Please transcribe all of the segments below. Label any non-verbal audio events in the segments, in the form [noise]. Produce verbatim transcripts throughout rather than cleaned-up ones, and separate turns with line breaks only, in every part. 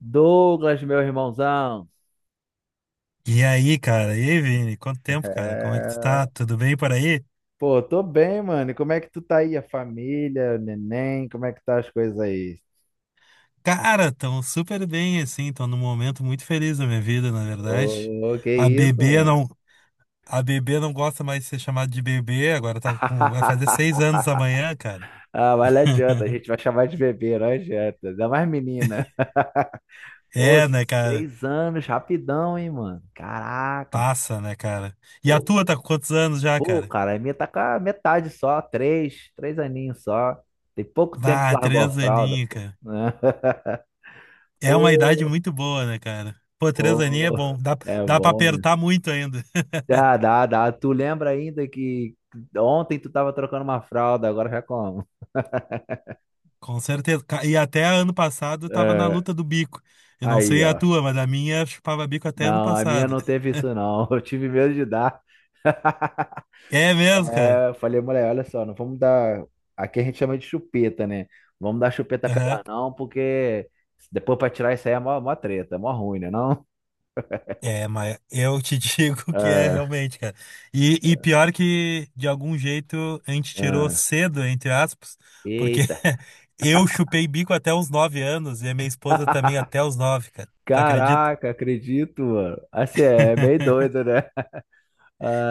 Douglas, meu irmãozão.
E aí, cara? E aí, Vini? Quanto tempo, cara? Como é que tu
É.
tá? Tudo bem por aí?
Pô, tô bem, mano. E como é que tu tá aí? A família, o neném, como é que tá as coisas aí?
Cara, tão super bem, assim. Tô num momento muito feliz da minha vida, na verdade.
Ô, que
A
isso,
bebê
mano?
não, a bebê não gosta mais de ser chamada de bebê, agora tá com, vai fazer seis
[laughs]
anos amanhã, cara.
Ah, mas não adianta, a
[laughs]
gente vai chamar de bebê, não adianta. Ainda mais menina. Pô,
É, né, cara?
seis anos, rapidão, hein, mano? Caraca.
Passa, né, cara? E
Pô,
a tua tá com quantos anos já,
pô,
cara?
cara, a minha tá com a metade só, três, três aninhos só. Tem pouco tempo que
Ah,
largou a
três
fralda,
aninhos,
pô.
cara.
[laughs] Né?
É uma idade
Pô,
muito boa, né, cara? Pô, três aninhos é
pô,
bom. Dá,
é
dá pra
bom, né?
apertar muito ainda.
Dá,
[laughs]
dá, dá. Tu lembra ainda que ontem tu tava trocando uma fralda, agora já como?
Com certeza. Ca- E até ano passado tava na
É,
luta do bico. Eu não
aí,
sei a
ó.
tua, mas a minha chupava bico até ano
Não, a minha
passado.
não
[laughs]
teve isso não. [laughs] Eu tive medo de dar.
É mesmo, cara?
É, eu falei, mulher, olha só, não vamos dar. Aqui a gente chama de chupeta, né? Vamos dar chupeta pra
Aham.
ela não, porque depois pra tirar isso aí é mó, mó treta, é mó ruim, né não?
É, mas eu te [laughs] digo que é
É,
realmente, cara. E, e pior que, de algum jeito, a gente tirou
é.
cedo, entre aspas, porque
Eita.
[laughs] eu chupei bico até os nove anos e a minha esposa também
[laughs]
até os nove, cara. Tu acredita?
Caraca, acredito, mano. Assim, é meio doido,
[laughs]
né?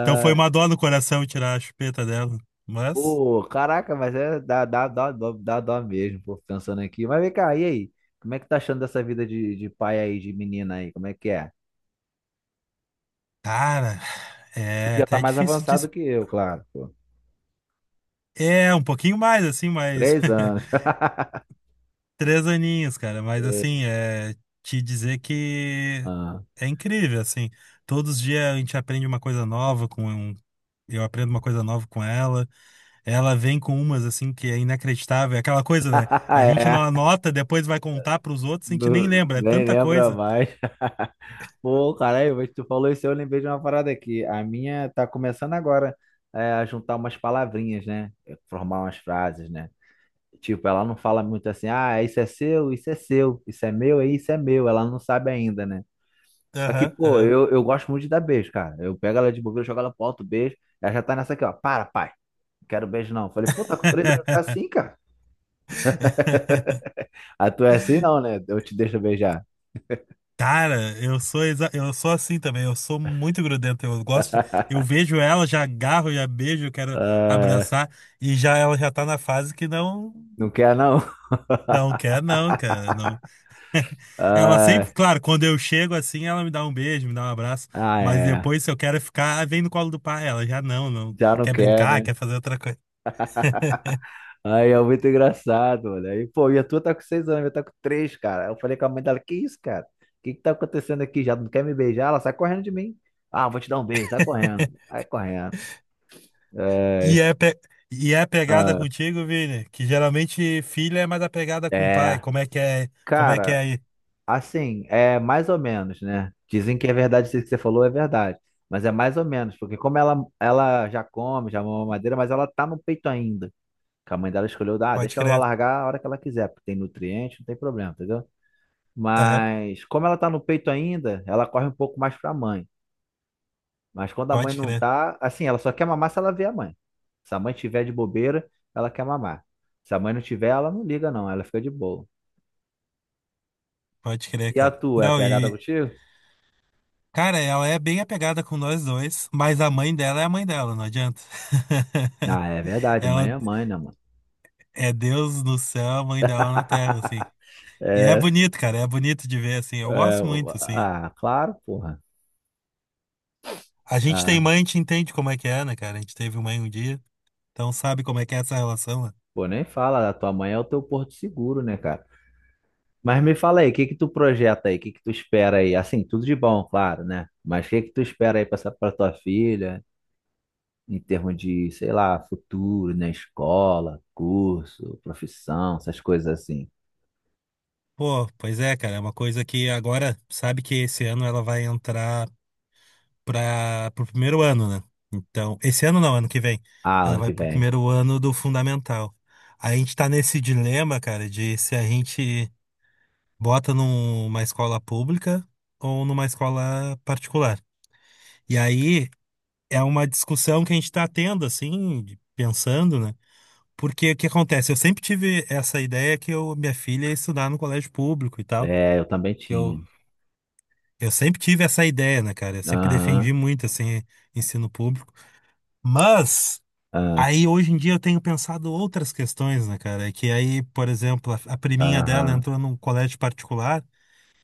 Então foi uma dor no coração tirar a chupeta dela. Mas,
pô, caraca, mas é dá, dá, dá, dó- dá, dó mesmo, pô, pensando aqui. Mas vem cá, e aí? Como é que tá achando dessa vida de, de pai aí, de menina aí? Como é que é?
cara,
Tu
é
que já tá
até
mais
difícil de…
avançado que eu, claro, pô.
É, um pouquinho mais, assim, mas…
Três anos.
[laughs] Três aninhos, cara. Mas, assim,
[laughs]
é… Te dizer que
Ah,
é incrível, assim. Todos os dias a gente aprende uma coisa nova com. um- Eu aprendo uma coisa nova com ela. Ela vem com umas, assim, que é inacreditável. É aquela coisa, né?
[laughs]
A gente
é.
não anota, depois vai contar pros outros, a gente nem
Não-
lembra. É
nem
tanta
lembra
coisa.
mais. [laughs] Pô, caralho, mas tu falou isso, eu lembrei de uma parada aqui. A minha tá começando agora é, a juntar umas palavrinhas, né? É, formar umas frases, né? Tipo, ela não fala muito assim, ah, isso é seu, isso é seu, isso é meu, é isso é meu. Ela não sabe ainda, né? Só que,
Aham,
pô,
aham.
eu, eu gosto muito de dar beijo, cara. Eu pego ela de bobeira, eu jogo ela pro alto, beijo. Ela já tá nessa aqui, ó. Para, pai. Não quero beijo, não. Falei, pô, tá com três anos, tá
[laughs]
assim, cara. [laughs] Ah, tu é assim, não, né? Eu te deixo beijar.
Cara, eu sou exa- eu sou assim também, eu sou muito grudento, eu gosto de- eu
[laughs]
vejo ela, já agarro, já beijo, eu quero
Ah,
abraçar e já ela já tá na fase que não
não quer, não? [laughs]
não quer não, cara, não. Ela
Ah,
sempre, claro, quando eu chego assim, ela me dá um beijo, me dá um abraço,
ah,
mas
é.
depois se eu quero ficar, ah, vem no colo do pai, ela já não, não
Já não
quer
quer,
brincar,
né?
quer fazer outra coisa. [laughs]
Aí é muito engraçado, mano. Aí, pô, e a tua tá com seis anos, eu tá com três, cara. Aí eu falei com a mãe dela, que isso, cara? O que que tá acontecendo aqui? Já não quer me beijar? Ela sai correndo de mim. Ah, vou te dar um beijo, sai correndo. Sai correndo.
E
É,
é pe- E é pegada
ah,
contigo, Vini, que geralmente filha é mais apegada com o pai.
é.
Como é que é? Como é que é
Cara,
aí?
assim, é mais ou menos, né? Dizem que é verdade, isso que você falou é verdade. Mas é mais ou menos, porque como ela, ela já come, já mama madeira, mas ela tá no peito ainda. Que a mãe dela escolheu, ah,
Pode
deixa ela
crer.
largar a hora que ela quiser, porque tem nutriente, não tem problema, entendeu? Mas como ela tá no peito ainda, ela corre um pouco mais pra mãe. Mas quando a mãe
Pode
não
crer,
tá, assim, ela só quer mamar se ela vê a mãe. Se a mãe tiver de bobeira, ela quer mamar. Se a mãe não tiver, ela não liga não, ela fica de boa.
pode crer,
E a
cara.
tua, é
Não,
pegada
e,
contigo?
cara, ela é bem apegada com nós dois, mas a mãe dela é a mãe dela, não adianta.
Ah,
[laughs]
é verdade, mãe
Ela
é mãe, né, mano?
é Deus no céu, a mãe dela na terra, assim. E é
É,
bonito, cara, é bonito de ver, assim. Eu
é,
gosto
o-
muito, assim.
ah, claro, porra.
A gente tem
Ah,
mãe, a gente entende como é que é, né, cara? A gente teve mãe um dia, então sabe como é que é essa relação, né?
pô, nem fala, a tua mãe é o teu porto seguro, né, cara? Mas me fala aí, o que que tu projeta aí? O que que tu espera aí? Assim, tudo de bom, claro, né? Mas o que que tu espera aí pra, essa- pra tua filha? Em termos de, sei lá, futuro, né? Escola, curso, profissão, essas coisas assim.
Pô, pois é, cara, é uma coisa que agora, sabe que esse ano ela vai entrar para o primeiro ano, né? Então, esse ano não, ano que vem.
Ah,
Ela
ano
vai
que
pro
vem.
primeiro ano do fundamental. Aí a gente tá nesse dilema, cara, de se a gente bota numa escola pública ou numa escola particular. E aí é uma discussão que a gente tá tendo, assim, de- pensando, né? Porque o que acontece? Eu sempre tive essa ideia que eu, minha filha ia estudar no colégio público e tal.
É, eu também
Que eu,
tinha.
eu sempre tive essa ideia, né, cara? Eu sempre defendi
Aham,
muito, assim, ensino público. Mas…
ah,
Aí hoje em dia eu tenho pensado outras questões, né, cara? É que aí, por exemplo, a, a priminha dela
aham.
entrou num colégio particular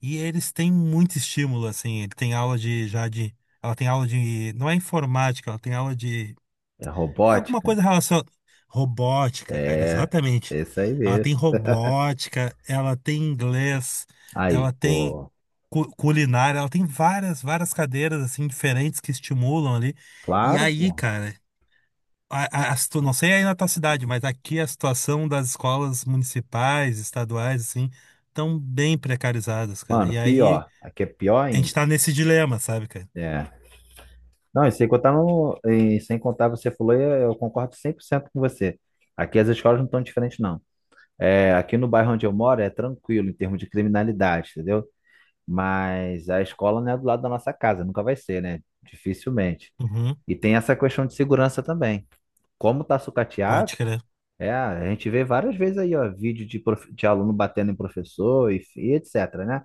e eles têm muito estímulo, assim. Ele tem aula de já de… Ela tem aula de… Não é informática, ela tem aula de…
É
É alguma
robótica?
coisa relacionada. Robótica, cara,
É,
exatamente.
é isso aí
Ela
mesmo.
tem robótica, ela tem inglês, ela
Aí,
tem
pô,
cu- culinária, ela tem várias, várias cadeiras, assim, diferentes que estimulam ali. E
claro,
aí,
pô.
cara. A, a, a situ- não sei aí na tua cidade, mas aqui a situação das escolas municipais, estaduais, assim, estão bem precarizadas, cara.
Mano,
E aí
pior. Aqui é pior
a gente
ainda.
tá nesse dilema, sabe, cara?
É. Não, e sem contar, no, e sem contar, você falou, e eu concordo cem por cento com você. Aqui as escolas não estão diferentes, não. É, aqui no bairro onde eu moro é tranquilo em termos de criminalidade, entendeu? Mas a escola não é do lado da nossa casa, nunca vai ser, né? Dificilmente.
Uhum,
E tem essa questão de segurança também. Como tá sucateado,
pode crer.
é, a gente vê várias vezes aí, ó, vídeo de, prof- de aluno batendo em professor e, e etcetera, né?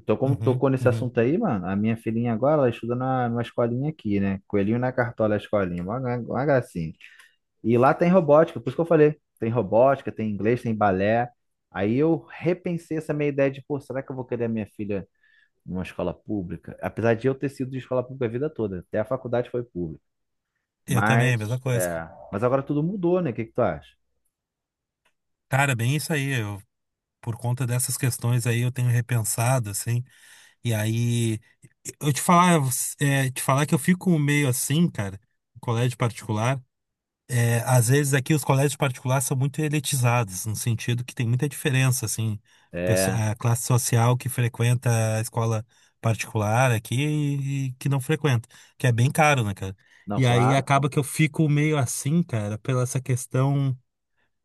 Então, como
Uhum,
tocou nesse
uhum.
assunto aí, mano, a minha filhinha agora, ela estuda na, numa escolinha aqui, né? Coelhinho na cartola, é a escolinha, uma, gra- uma gracinha. E lá tem robótica, por isso que eu falei, tem robótica, tem inglês, tem balé. Aí eu repensei essa minha ideia de, pô, será que eu vou querer a minha filha numa escola pública? Apesar de eu ter sido de escola pública a vida toda, até a faculdade foi pública.
Eu também, mesma
Mas,
coisa, cara.
é, mas agora tudo mudou, né? O que que tu acha?
Bem isso aí. Eu, por conta dessas questões aí, eu tenho repensado, assim. E aí, eu te falar, é, te falar que eu fico meio assim, cara, em colégio particular. É, às vezes aqui os colégios particulares são muito elitizados, no sentido que tem muita diferença, assim, pesso-
É,
a classe social que frequenta a escola particular aqui e e que não frequenta, que é bem caro, né, cara?
não,
E aí
claro,
acaba
pô.
que eu fico meio assim, cara, pela essa questão,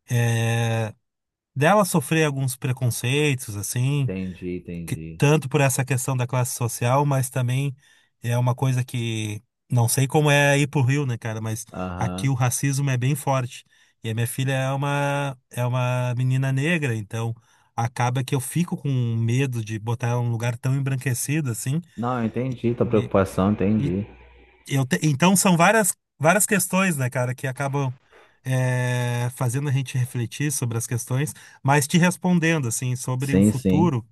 é, dela sofrer alguns preconceitos, assim,
Entendi,
que…
entendi.
tanto por essa questão da classe social, mas também é uma coisa que não sei como é aí pro Rio, né, cara, mas aqui o
Aham.
racismo é bem forte. E a minha filha é uma é uma menina negra, então acaba que eu fico com medo de botar ela num lugar tão embranquecido assim.
Não, eu entendi tua
E,
preocupação,
e
entendi.
eu te- então são várias várias questões, né, cara, que acabam é, fazendo a gente refletir sobre as questões, mas te respondendo assim sobre o
Sim, sim.
futuro,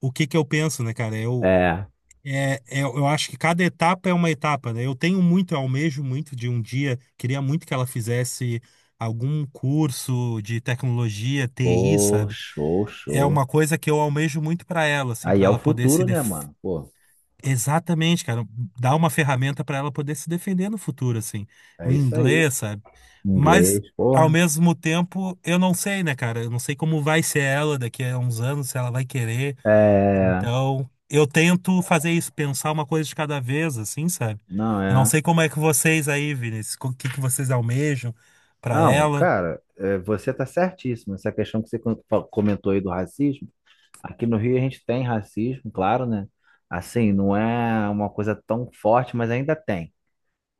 o que que eu penso, né, cara? Eu
É.
é, é, eu acho que cada etapa é uma etapa, né? Eu tenho muito, eu almejo muito de um dia, queria muito que ela fizesse algum curso de tecnologia, T I,
Pô,
sabe?
show,
É uma
show.
coisa que eu almejo muito para ela, assim,
Aí
para
é o
ela poder se
futuro, né,
def...
mano? Pô,
Exatamente, cara, dar uma ferramenta para ela poder se defender no futuro, assim, o
é isso aí.
inglês, sabe? Mas
Inglês,
ao
porra.
mesmo tempo, eu não sei, né, cara? Eu não sei como vai ser ela daqui a uns anos, se ela vai querer.
É,
Então, eu tento fazer isso, pensar uma coisa de cada vez, assim, sabe?
não
Eu não
é.
sei como é que vocês aí, Vinícius, o que que vocês almejam pra
Não,
ela.
cara, é, você tá certíssimo. Essa questão que você con- fa- comentou aí do racismo. Aqui no Rio a gente tem racismo, claro, né? Assim, não é uma coisa tão forte, mas ainda tem.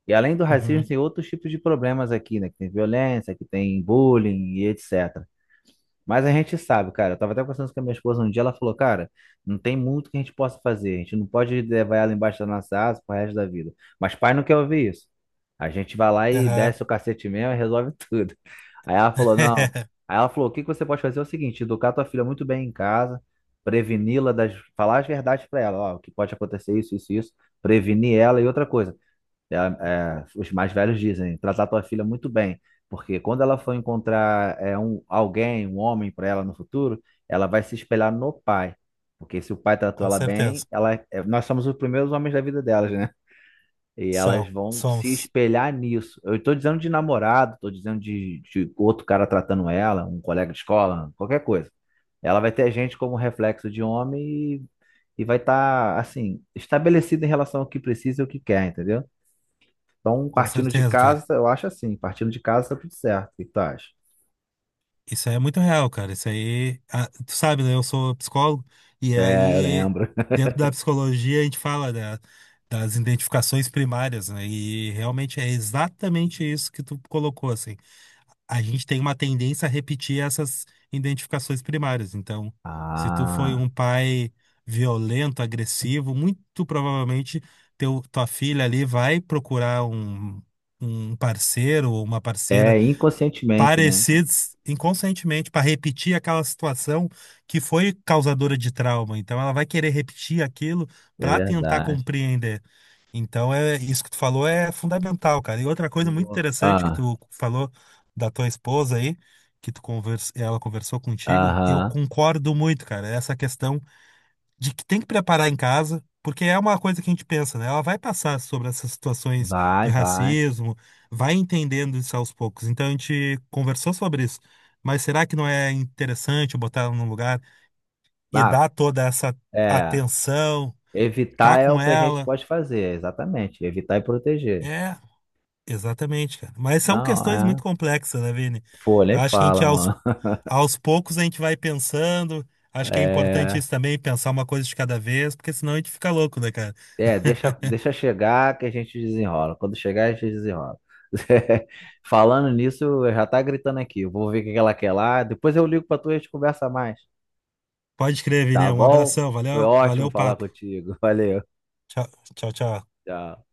E além do racismo,
Uhum.
tem outros tipos de problemas aqui, né? Que tem violência, que tem bullying e etcetera. Mas a gente sabe, cara. Eu tava até conversando com a minha esposa um dia, ela falou, cara, não tem muito que a gente possa fazer. A gente não pode levar ela embaixo da nossa asa pro resto da vida. Mas pai não quer ouvir isso. A gente vai lá e
Aham.
desce o cacete mesmo e resolve [laughs] tudo. Aí ela falou, não.
[laughs]
Aí ela falou, o que que você pode fazer é o seguinte, educar tua filha muito bem em casa, preveni-la das, falar as verdades pra ela, ó, o que pode acontecer isso, isso, isso, prevenir ela e outra coisa. É, é, os mais velhos dizem, tratar tua filha muito bem, porque quando ela for encontrar é, um, alguém, um homem para ela no futuro, ela vai se espelhar no pai. Porque se o pai tratou
Com
ela bem,
certeza.
ela, é, nós somos os primeiros homens da vida delas, né? E elas
São,
vão se
somos.
espelhar nisso. Eu estou dizendo de namorado, estou dizendo de, de outro cara tratando ela, um colega de escola, qualquer coisa. Ela vai ter a gente como reflexo de homem e, e vai estar, assim, estabelecida em relação ao que precisa e o que quer, entendeu? Então,
Com
partindo de
certeza, cara.
casa, eu acho assim, partindo de casa tá tudo certo. O que tu acha?
Isso aí é muito real, cara. Isso aí. Ah, tu sabe, né? Eu sou psicólogo, e
É, eu
aí,
lembro. [laughs]
dentro da psicologia, a gente fala da- das identificações primárias, né? E realmente é exatamente isso que tu colocou, assim. A gente tem uma tendência a repetir essas identificações primárias. Então, se tu foi
Ah,
um pai violento, agressivo, muito provavelmente teu, tua filha ali vai procurar um, um parceiro ou uma parceira
é inconscientemente, né?
parecidos inconscientemente para repetir aquela situação que foi causadora de trauma. Então ela vai querer repetir aquilo
É
para tentar
verdade.
compreender. Então é isso que tu falou é fundamental, cara. E outra coisa muito
Boa.
interessante que
Ah,
tu falou da tua esposa aí, que tu convers... ela conversou contigo, eu
aham.
concordo muito, cara. Essa questão de que tem que preparar em casa, porque é uma coisa que a gente pensa, né? Ela vai passar sobre essas situações
Vai,
de
vai.
racismo, vai entendendo isso aos poucos. Então a gente conversou sobre isso. Mas será que não é interessante botar ela num lugar e
Ah,
dar toda essa
é.
atenção, tá
Evitar é o
com
que a gente
ela?
pode fazer, exatamente. Evitar e proteger.
É, exatamente, cara. Mas são
Não,
questões muito
é.
complexas, né, Vini?
Folha
Eu
e
acho que a gente
fala,
aos,
mano.
aos poucos a gente vai pensando.
[laughs]
Acho que é importante
É.
isso também, pensar uma coisa de cada vez, porque senão a gente fica louco, né, cara?
É, deixa, deixa chegar que a gente desenrola. Quando chegar, a gente desenrola. [laughs] Falando nisso, já tá gritando aqui. Eu vou ver o que que ela quer lá. Depois eu ligo pra tu e a gente conversa mais.
Pode crer, Vini.
Tá
Um
bom?
abração.
Foi
Valeu, valeu
ótimo
o
falar
papo.
contigo. [laughs] Valeu.
Tchau, tchau, tchau.
Tchau.